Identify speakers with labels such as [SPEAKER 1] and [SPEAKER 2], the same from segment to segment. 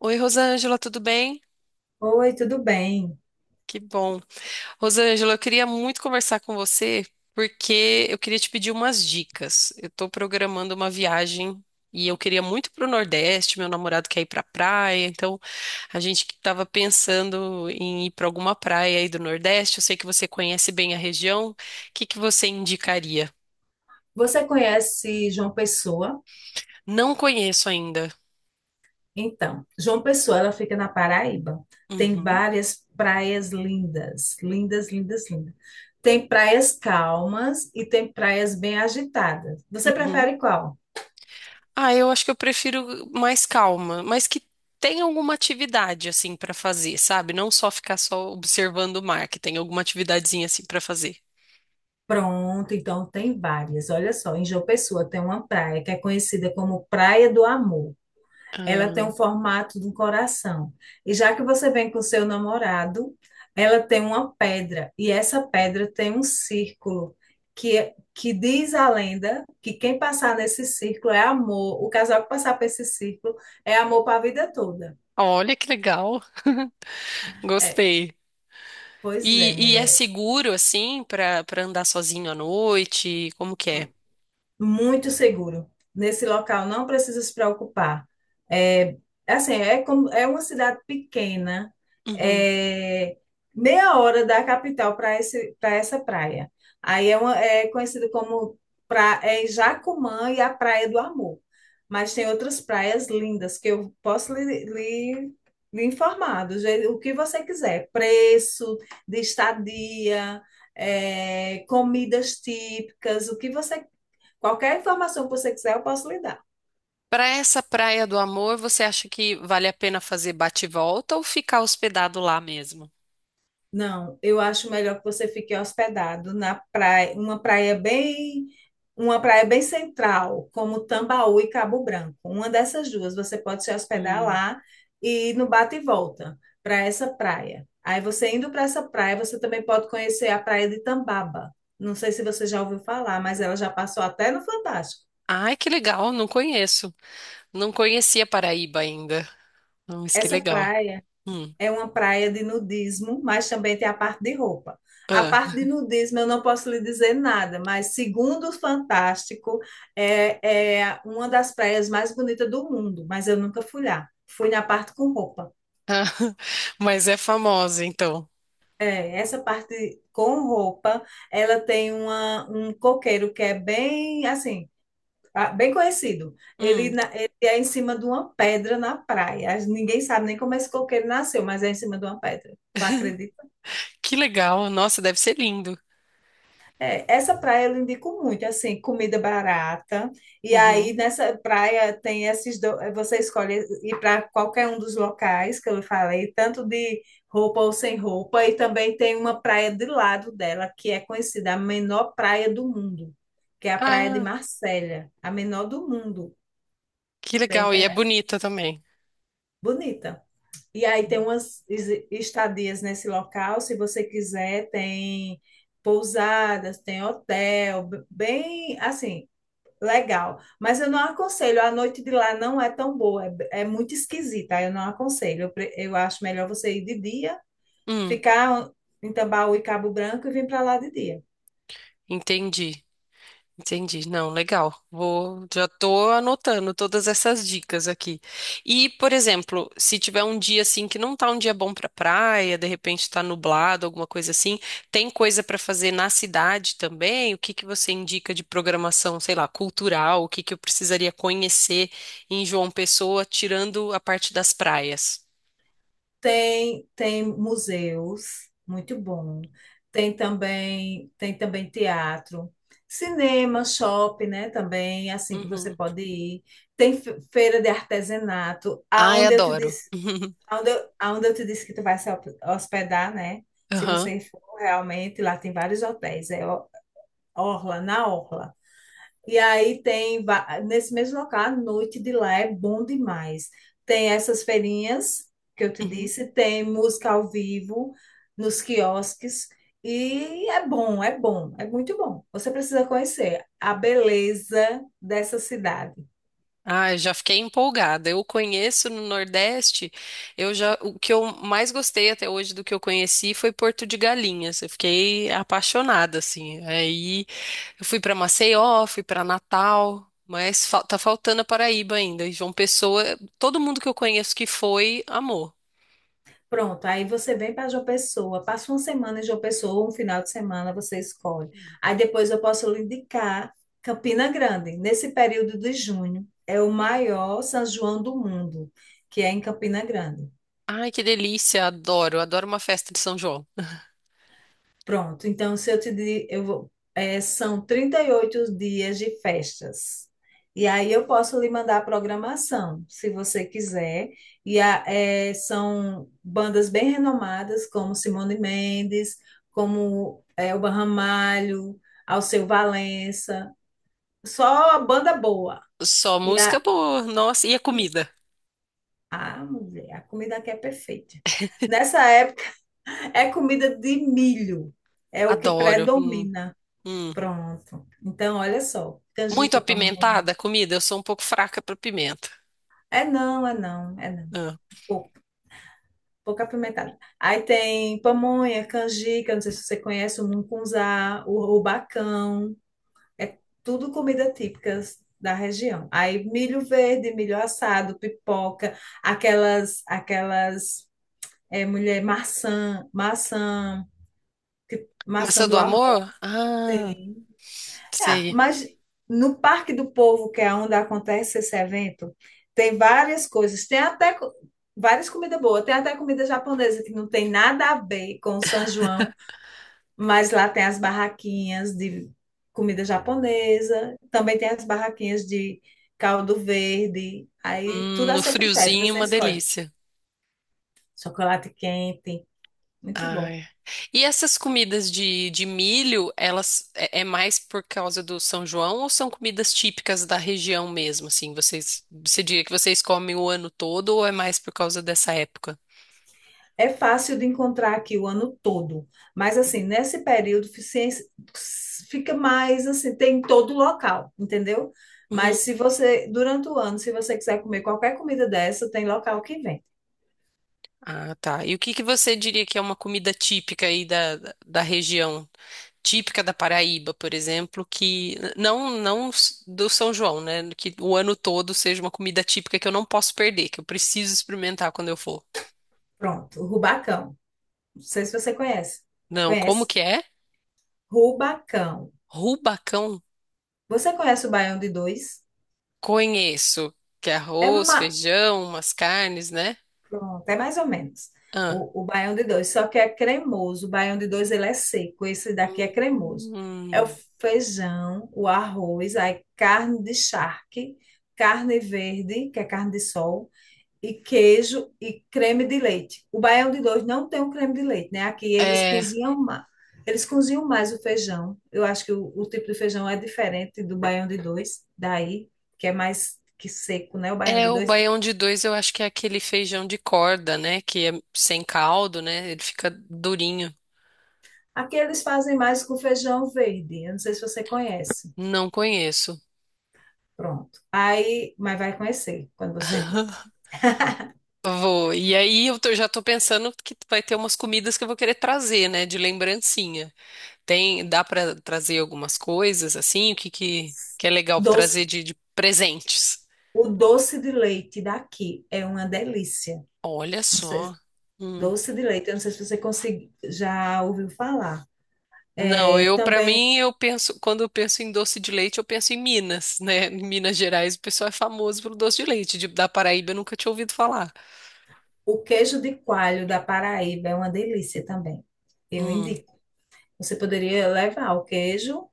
[SPEAKER 1] Oi, Rosângela, tudo bem?
[SPEAKER 2] Oi, tudo bem?
[SPEAKER 1] Que bom. Rosângela, eu queria muito conversar com você porque eu queria te pedir umas dicas. Eu estou programando uma viagem e eu queria muito para o Nordeste. Meu namorado quer ir para praia, então a gente estava pensando em ir para alguma praia aí do Nordeste. Eu sei que você conhece bem a região. O que que você indicaria?
[SPEAKER 2] Você conhece João Pessoa?
[SPEAKER 1] Não conheço ainda.
[SPEAKER 2] Então, João Pessoa, ela fica na Paraíba. Tem
[SPEAKER 1] Uhum,
[SPEAKER 2] várias praias lindas, lindas, lindas, lindas. Tem praias calmas e tem praias bem agitadas. Você
[SPEAKER 1] uhum.
[SPEAKER 2] prefere qual?
[SPEAKER 1] Ah, eu acho que eu prefiro mais calma, mas que tenha alguma atividade assim pra fazer, sabe? Não só ficar só observando o mar, que tenha alguma atividadezinha assim pra fazer.
[SPEAKER 2] Pronto, então tem várias. Olha só, em João Pessoa tem uma praia que é conhecida como Praia do Amor. Ela tem um
[SPEAKER 1] Ah,
[SPEAKER 2] formato de um coração. E já que você vem com o seu namorado, ela tem uma pedra. E essa pedra tem um círculo que diz a lenda que quem passar nesse círculo é amor. O casal que passar por esse círculo é amor para a vida toda.
[SPEAKER 1] olha que legal.
[SPEAKER 2] É,
[SPEAKER 1] Gostei.
[SPEAKER 2] pois é,
[SPEAKER 1] E é
[SPEAKER 2] mulher.
[SPEAKER 1] seguro assim pra para andar sozinho à noite? Como que é?
[SPEAKER 2] Muito seguro. Nesse local não precisa se preocupar. É, assim, é como é uma cidade pequena,
[SPEAKER 1] Uhum.
[SPEAKER 2] é meia hora da capital para essa praia. Aí é conhecido como pra, é Jacumã e a Praia do Amor. Mas tem outras praias lindas que eu posso lhe informar do jeito, o que você quiser, preço de estadia, comidas típicas, o que você. Qualquer informação que você quiser, eu posso lhe dar.
[SPEAKER 1] Para essa Praia do Amor, você acha que vale a pena fazer bate-volta ou ficar hospedado lá mesmo?
[SPEAKER 2] Não, eu acho melhor que você fique hospedado na praia, uma praia bem central, como Tambaú e Cabo Branco. Uma dessas duas, você pode se hospedar
[SPEAKER 1] Hum.
[SPEAKER 2] lá e ir no bate e volta para essa praia. Aí você indo para essa praia, você também pode conhecer a praia de Tambaba. Não sei se você já ouviu falar, mas ela já passou até no Fantástico.
[SPEAKER 1] Ai, que legal, não conheço. Não conhecia Paraíba ainda. Nossa, que
[SPEAKER 2] Essa
[SPEAKER 1] legal.
[SPEAKER 2] praia.
[SPEAKER 1] Hum.
[SPEAKER 2] É uma praia de nudismo, mas também tem a parte de roupa. A parte de
[SPEAKER 1] Ah.
[SPEAKER 2] nudismo eu não posso lhe dizer nada, mas segundo o Fantástico, é uma das praias mais bonitas do mundo, mas eu nunca fui lá. Fui na parte com roupa.
[SPEAKER 1] Ah. Mas é famosa, então.
[SPEAKER 2] É, essa parte com roupa, ela tem um coqueiro que é bem assim, ah, bem conhecido. Ele,
[SPEAKER 1] Hum.
[SPEAKER 2] na- ele é em cima de uma pedra na praia. Ninguém sabe nem como esse coqueiro nasceu, mas é em cima de uma pedra. Tu acredita?
[SPEAKER 1] Que legal. Nossa, deve ser lindo.
[SPEAKER 2] É, essa praia eu indico muito, assim, comida barata. E aí
[SPEAKER 1] Uhum.
[SPEAKER 2] nessa praia tem você escolhe ir para qualquer um dos locais que eu falei, tanto de roupa ou sem roupa, e também tem uma praia de lado dela que é conhecida a menor praia do mundo, que é a praia de
[SPEAKER 1] Ah,
[SPEAKER 2] Marsella, a menor do mundo.
[SPEAKER 1] que
[SPEAKER 2] Bem
[SPEAKER 1] legal. E é
[SPEAKER 2] interessante.
[SPEAKER 1] bonita também.
[SPEAKER 2] Bonita. E aí tem estadias nesse local, se você quiser, tem pousadas, tem hotel, bem assim. Legal, mas eu não aconselho, a noite de lá não é tão boa, é muito esquisita, eu não aconselho. Eu acho melhor você ir de dia,
[SPEAKER 1] Hum.
[SPEAKER 2] ficar em Tambaú e Cabo Branco e vir para lá de dia.
[SPEAKER 1] Entendi. Entendi. Não, legal. Vou, já tô anotando todas essas dicas aqui. E, por exemplo, se tiver um dia assim que não tá um dia bom pra praia, de repente tá nublado, alguma coisa assim, tem coisa pra fazer na cidade também? O que que você indica de programação, sei lá, cultural? O que que eu precisaria conhecer em João Pessoa, tirando a parte das praias?
[SPEAKER 2] Tem, tem museus, muito bom. Tem também teatro, cinema, shopping, né, também, assim que você
[SPEAKER 1] Uhum.
[SPEAKER 2] pode ir. Tem feira de artesanato,
[SPEAKER 1] Ai,
[SPEAKER 2] aonde eu te
[SPEAKER 1] adoro.
[SPEAKER 2] disse. Aonde eu te disse que tu vai se hospedar, né? Se
[SPEAKER 1] Aham.
[SPEAKER 2] você for realmente, lá tem vários hotéis, Orla, na Orla. E aí tem, nesse mesmo local, a noite de lá é bom demais. Tem essas feirinhas que eu te
[SPEAKER 1] Uhum.
[SPEAKER 2] disse, tem música ao vivo nos quiosques, e é muito bom. Você precisa conhecer a beleza dessa cidade.
[SPEAKER 1] Ah, já fiquei empolgada. Eu conheço no Nordeste, eu já, o que eu mais gostei até hoje do que eu conheci foi Porto de Galinhas. Eu fiquei apaixonada assim. Aí eu fui para Maceió, fui para Natal, mas fal- tá faltando a Paraíba ainda. E João Pessoa, todo mundo que eu conheço que foi, amou.
[SPEAKER 2] Pronto, aí você vem para João Pessoa, passa uma semana em João Pessoa, um final de semana você escolhe. Aí depois eu posso lhe indicar Campina Grande. Nesse período de junho, é o maior São João do mundo, que é em Campina Grande.
[SPEAKER 1] Ai, que delícia, adoro, adoro uma festa de São João.
[SPEAKER 2] Pronto, então se eu te di- eu vou, são 38 dias de festas. E aí eu posso lhe mandar a programação, se você quiser. São bandas bem renomadas, como Simone Mendes, Elba Ramalho, Alceu Valença. Só banda boa.
[SPEAKER 1] Só
[SPEAKER 2] E
[SPEAKER 1] música
[SPEAKER 2] a,
[SPEAKER 1] boa, nossa, e a comida?
[SPEAKER 2] a mulher, a comida aqui é perfeita. Nessa época é comida de milho, é o que
[SPEAKER 1] Adoro.
[SPEAKER 2] predomina.
[SPEAKER 1] Hum.
[SPEAKER 2] Pronto. Então, olha só,
[SPEAKER 1] Muito
[SPEAKER 2] canjica, pamonha.
[SPEAKER 1] apimentada a comida, eu sou um pouco fraca para pimenta.
[SPEAKER 2] É não.
[SPEAKER 1] Ah,
[SPEAKER 2] Pouco, pouco apimentado. Aí tem pamonha, canjica, não sei se você conhece o mungunzá, o rubacão. É tudo comida típica da região. Aí milho verde, milho assado, pipoca, aquelas, aquelas, mulher, maçã
[SPEAKER 1] maçã do
[SPEAKER 2] do amor.
[SPEAKER 1] amor? Ah,
[SPEAKER 2] Ah,
[SPEAKER 1] sei.
[SPEAKER 2] mas no Parque do Povo, que é onde acontece esse evento, tem várias coisas. Tem várias comidas boas. Tem até comida japonesa que não tem nada a ver com o São João, mas lá tem as barraquinhas de comida japonesa. Também tem as barraquinhas de caldo verde. Aí tudo a
[SPEAKER 1] No
[SPEAKER 2] seu critério,
[SPEAKER 1] friozinho,
[SPEAKER 2] você
[SPEAKER 1] uma
[SPEAKER 2] escolhe.
[SPEAKER 1] delícia.
[SPEAKER 2] Chocolate quente, muito bom.
[SPEAKER 1] Ai. E essas comidas de milho, elas é, é mais por causa do São João ou são comidas típicas da região mesmo? Assim, vocês, você diria que vocês comem o ano todo ou é mais por causa dessa época?
[SPEAKER 2] É fácil de encontrar aqui o ano todo, mas assim, fica mais assim, tem em todo local, entendeu? Mas
[SPEAKER 1] Uhum.
[SPEAKER 2] se você, durante o ano, se você quiser comer qualquer comida dessa, tem local que vende.
[SPEAKER 1] Ah, tá. E o que que você diria que é uma comida típica aí da região? Típica da Paraíba, por exemplo, que não s- do São João, né? Que o ano todo seja uma comida típica que eu não posso perder, que eu preciso experimentar quando eu for.
[SPEAKER 2] Pronto, Rubacão. Não sei se você conhece.
[SPEAKER 1] Não, como
[SPEAKER 2] Conhece?
[SPEAKER 1] que é?
[SPEAKER 2] Rubacão.
[SPEAKER 1] Rubacão,
[SPEAKER 2] Você conhece o Baião de Dois?
[SPEAKER 1] conheço, que é
[SPEAKER 2] É,
[SPEAKER 1] arroz,
[SPEAKER 2] ma-
[SPEAKER 1] feijão, umas carnes, né?
[SPEAKER 2] Pronto, é mais ou menos
[SPEAKER 1] Ah.
[SPEAKER 2] o baião de dois, só que é cremoso. O baião de dois ele é seco, esse daqui é cremoso. É o
[SPEAKER 1] Hum.
[SPEAKER 2] feijão, o arroz, aí carne de charque, carne verde, que é carne de sol, e queijo e creme de leite. O baião de dois não tem o creme de leite, né? Aqui eles
[SPEAKER 1] É,
[SPEAKER 2] cozinham mais. Eles cozinham mais o feijão. Eu acho que o tipo de feijão é diferente do baião de dois, daí, que é mais que seco, né? O baião de
[SPEAKER 1] é o
[SPEAKER 2] dois.
[SPEAKER 1] baião de dois, eu acho que é aquele feijão de corda, né? Que é sem caldo, né? Ele fica durinho.
[SPEAKER 2] Aqui eles fazem mais com feijão verde. Eu não sei se você conhece.
[SPEAKER 1] Não conheço.
[SPEAKER 2] Pronto. Aí, mas vai conhecer quando você vir.
[SPEAKER 1] Vou. E aí eu tô- já tô pensando que vai ter umas comidas que eu vou querer trazer, né, de lembrancinha. Tem, dá pra trazer algumas coisas assim, o que que é legal pra
[SPEAKER 2] Doce.
[SPEAKER 1] trazer de presentes?
[SPEAKER 2] O doce de leite daqui é uma delícia.
[SPEAKER 1] Olha
[SPEAKER 2] Não sei,
[SPEAKER 1] só. Hum.
[SPEAKER 2] doce de leite, eu não sei se você já ouviu falar.
[SPEAKER 1] Não,
[SPEAKER 2] É,
[SPEAKER 1] eu pra
[SPEAKER 2] também
[SPEAKER 1] mim eu penso, quando eu penso em doce de leite, eu penso em Minas, né? Em Minas Gerais, o pessoal é famoso pelo doce de leite. De- da Paraíba eu nunca tinha ouvido falar.
[SPEAKER 2] o queijo de coalho da Paraíba é uma delícia também. Eu
[SPEAKER 1] Hum,
[SPEAKER 2] indico. Você poderia levar o queijo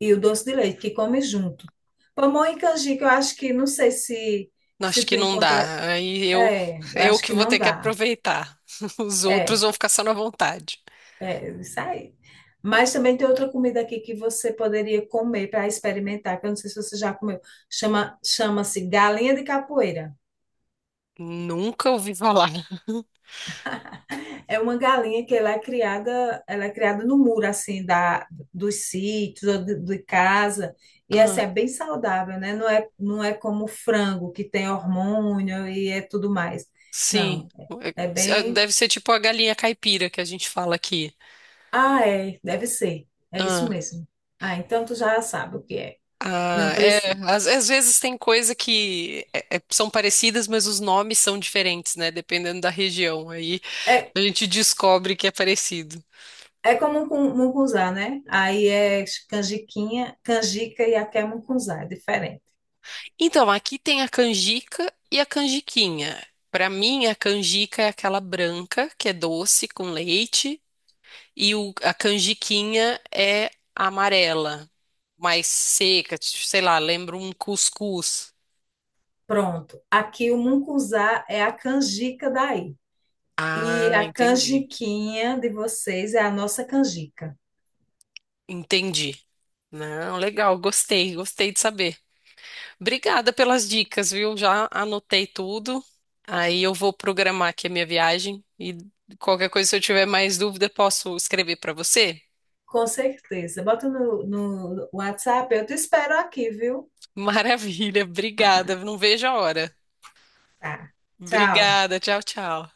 [SPEAKER 2] e o doce de leite que come junto. Pamonha e canjica, eu acho que não sei se se
[SPEAKER 1] acho
[SPEAKER 2] tu
[SPEAKER 1] que não
[SPEAKER 2] encontra
[SPEAKER 1] dá. Aí eu
[SPEAKER 2] é, eu
[SPEAKER 1] eu
[SPEAKER 2] acho
[SPEAKER 1] que
[SPEAKER 2] que
[SPEAKER 1] vou
[SPEAKER 2] não
[SPEAKER 1] ter que
[SPEAKER 2] dá.
[SPEAKER 1] aproveitar. Os outros
[SPEAKER 2] É,
[SPEAKER 1] vão ficar só na vontade.
[SPEAKER 2] isso aí. Mas também tem outra comida aqui que você poderia comer para experimentar, que eu não sei se você já comeu. Chama-se galinha de capoeira.
[SPEAKER 1] Nunca ouvi falar.
[SPEAKER 2] É uma galinha que ela é criada no muro assim da dos sítios ou de casa. E essa é
[SPEAKER 1] Ah,
[SPEAKER 2] bem saudável, né? Não é como o frango que tem hormônio e é tudo mais.
[SPEAKER 1] sim.
[SPEAKER 2] Não, é
[SPEAKER 1] É,
[SPEAKER 2] bem.
[SPEAKER 1] deve ser tipo a galinha caipira que a gente fala aqui.
[SPEAKER 2] Ah, é, deve ser. É isso
[SPEAKER 1] Ah,
[SPEAKER 2] mesmo. Ah, então tu já sabe o que é. Não
[SPEAKER 1] ah, é,
[SPEAKER 2] precisa.
[SPEAKER 1] às, às vezes tem coisa que é- é- são parecidas, mas os nomes são diferentes, né? Dependendo da região. Aí
[SPEAKER 2] É,
[SPEAKER 1] a gente descobre que é parecido.
[SPEAKER 2] é como mucunzá, né? Aí é canjiquinha, canjica e aqui é mucunzá, é diferente.
[SPEAKER 1] Então, aqui tem a canjica e a canjiquinha. Para mim, a canjica é aquela branca, que é doce, com leite. E o- a canjiquinha é amarela, mais seca, tipo, sei lá, lembra um cuscuz.
[SPEAKER 2] Pronto. Aqui o mucunzá é a canjica daí. E
[SPEAKER 1] Ah,
[SPEAKER 2] a
[SPEAKER 1] entendi.
[SPEAKER 2] canjiquinha de vocês é a nossa canjica.
[SPEAKER 1] Entendi. Não, legal, gostei, gostei de saber. Obrigada pelas dicas, viu? Já anotei tudo. Aí eu vou programar aqui a minha viagem e qualquer coisa, se eu tiver mais dúvida, posso escrever para você?
[SPEAKER 2] Com certeza. Bota no WhatsApp, eu te espero aqui, viu?
[SPEAKER 1] Maravilha, obrigada. Não vejo a hora.
[SPEAKER 2] Tá. Tchau.
[SPEAKER 1] Obrigada, tchau, tchau.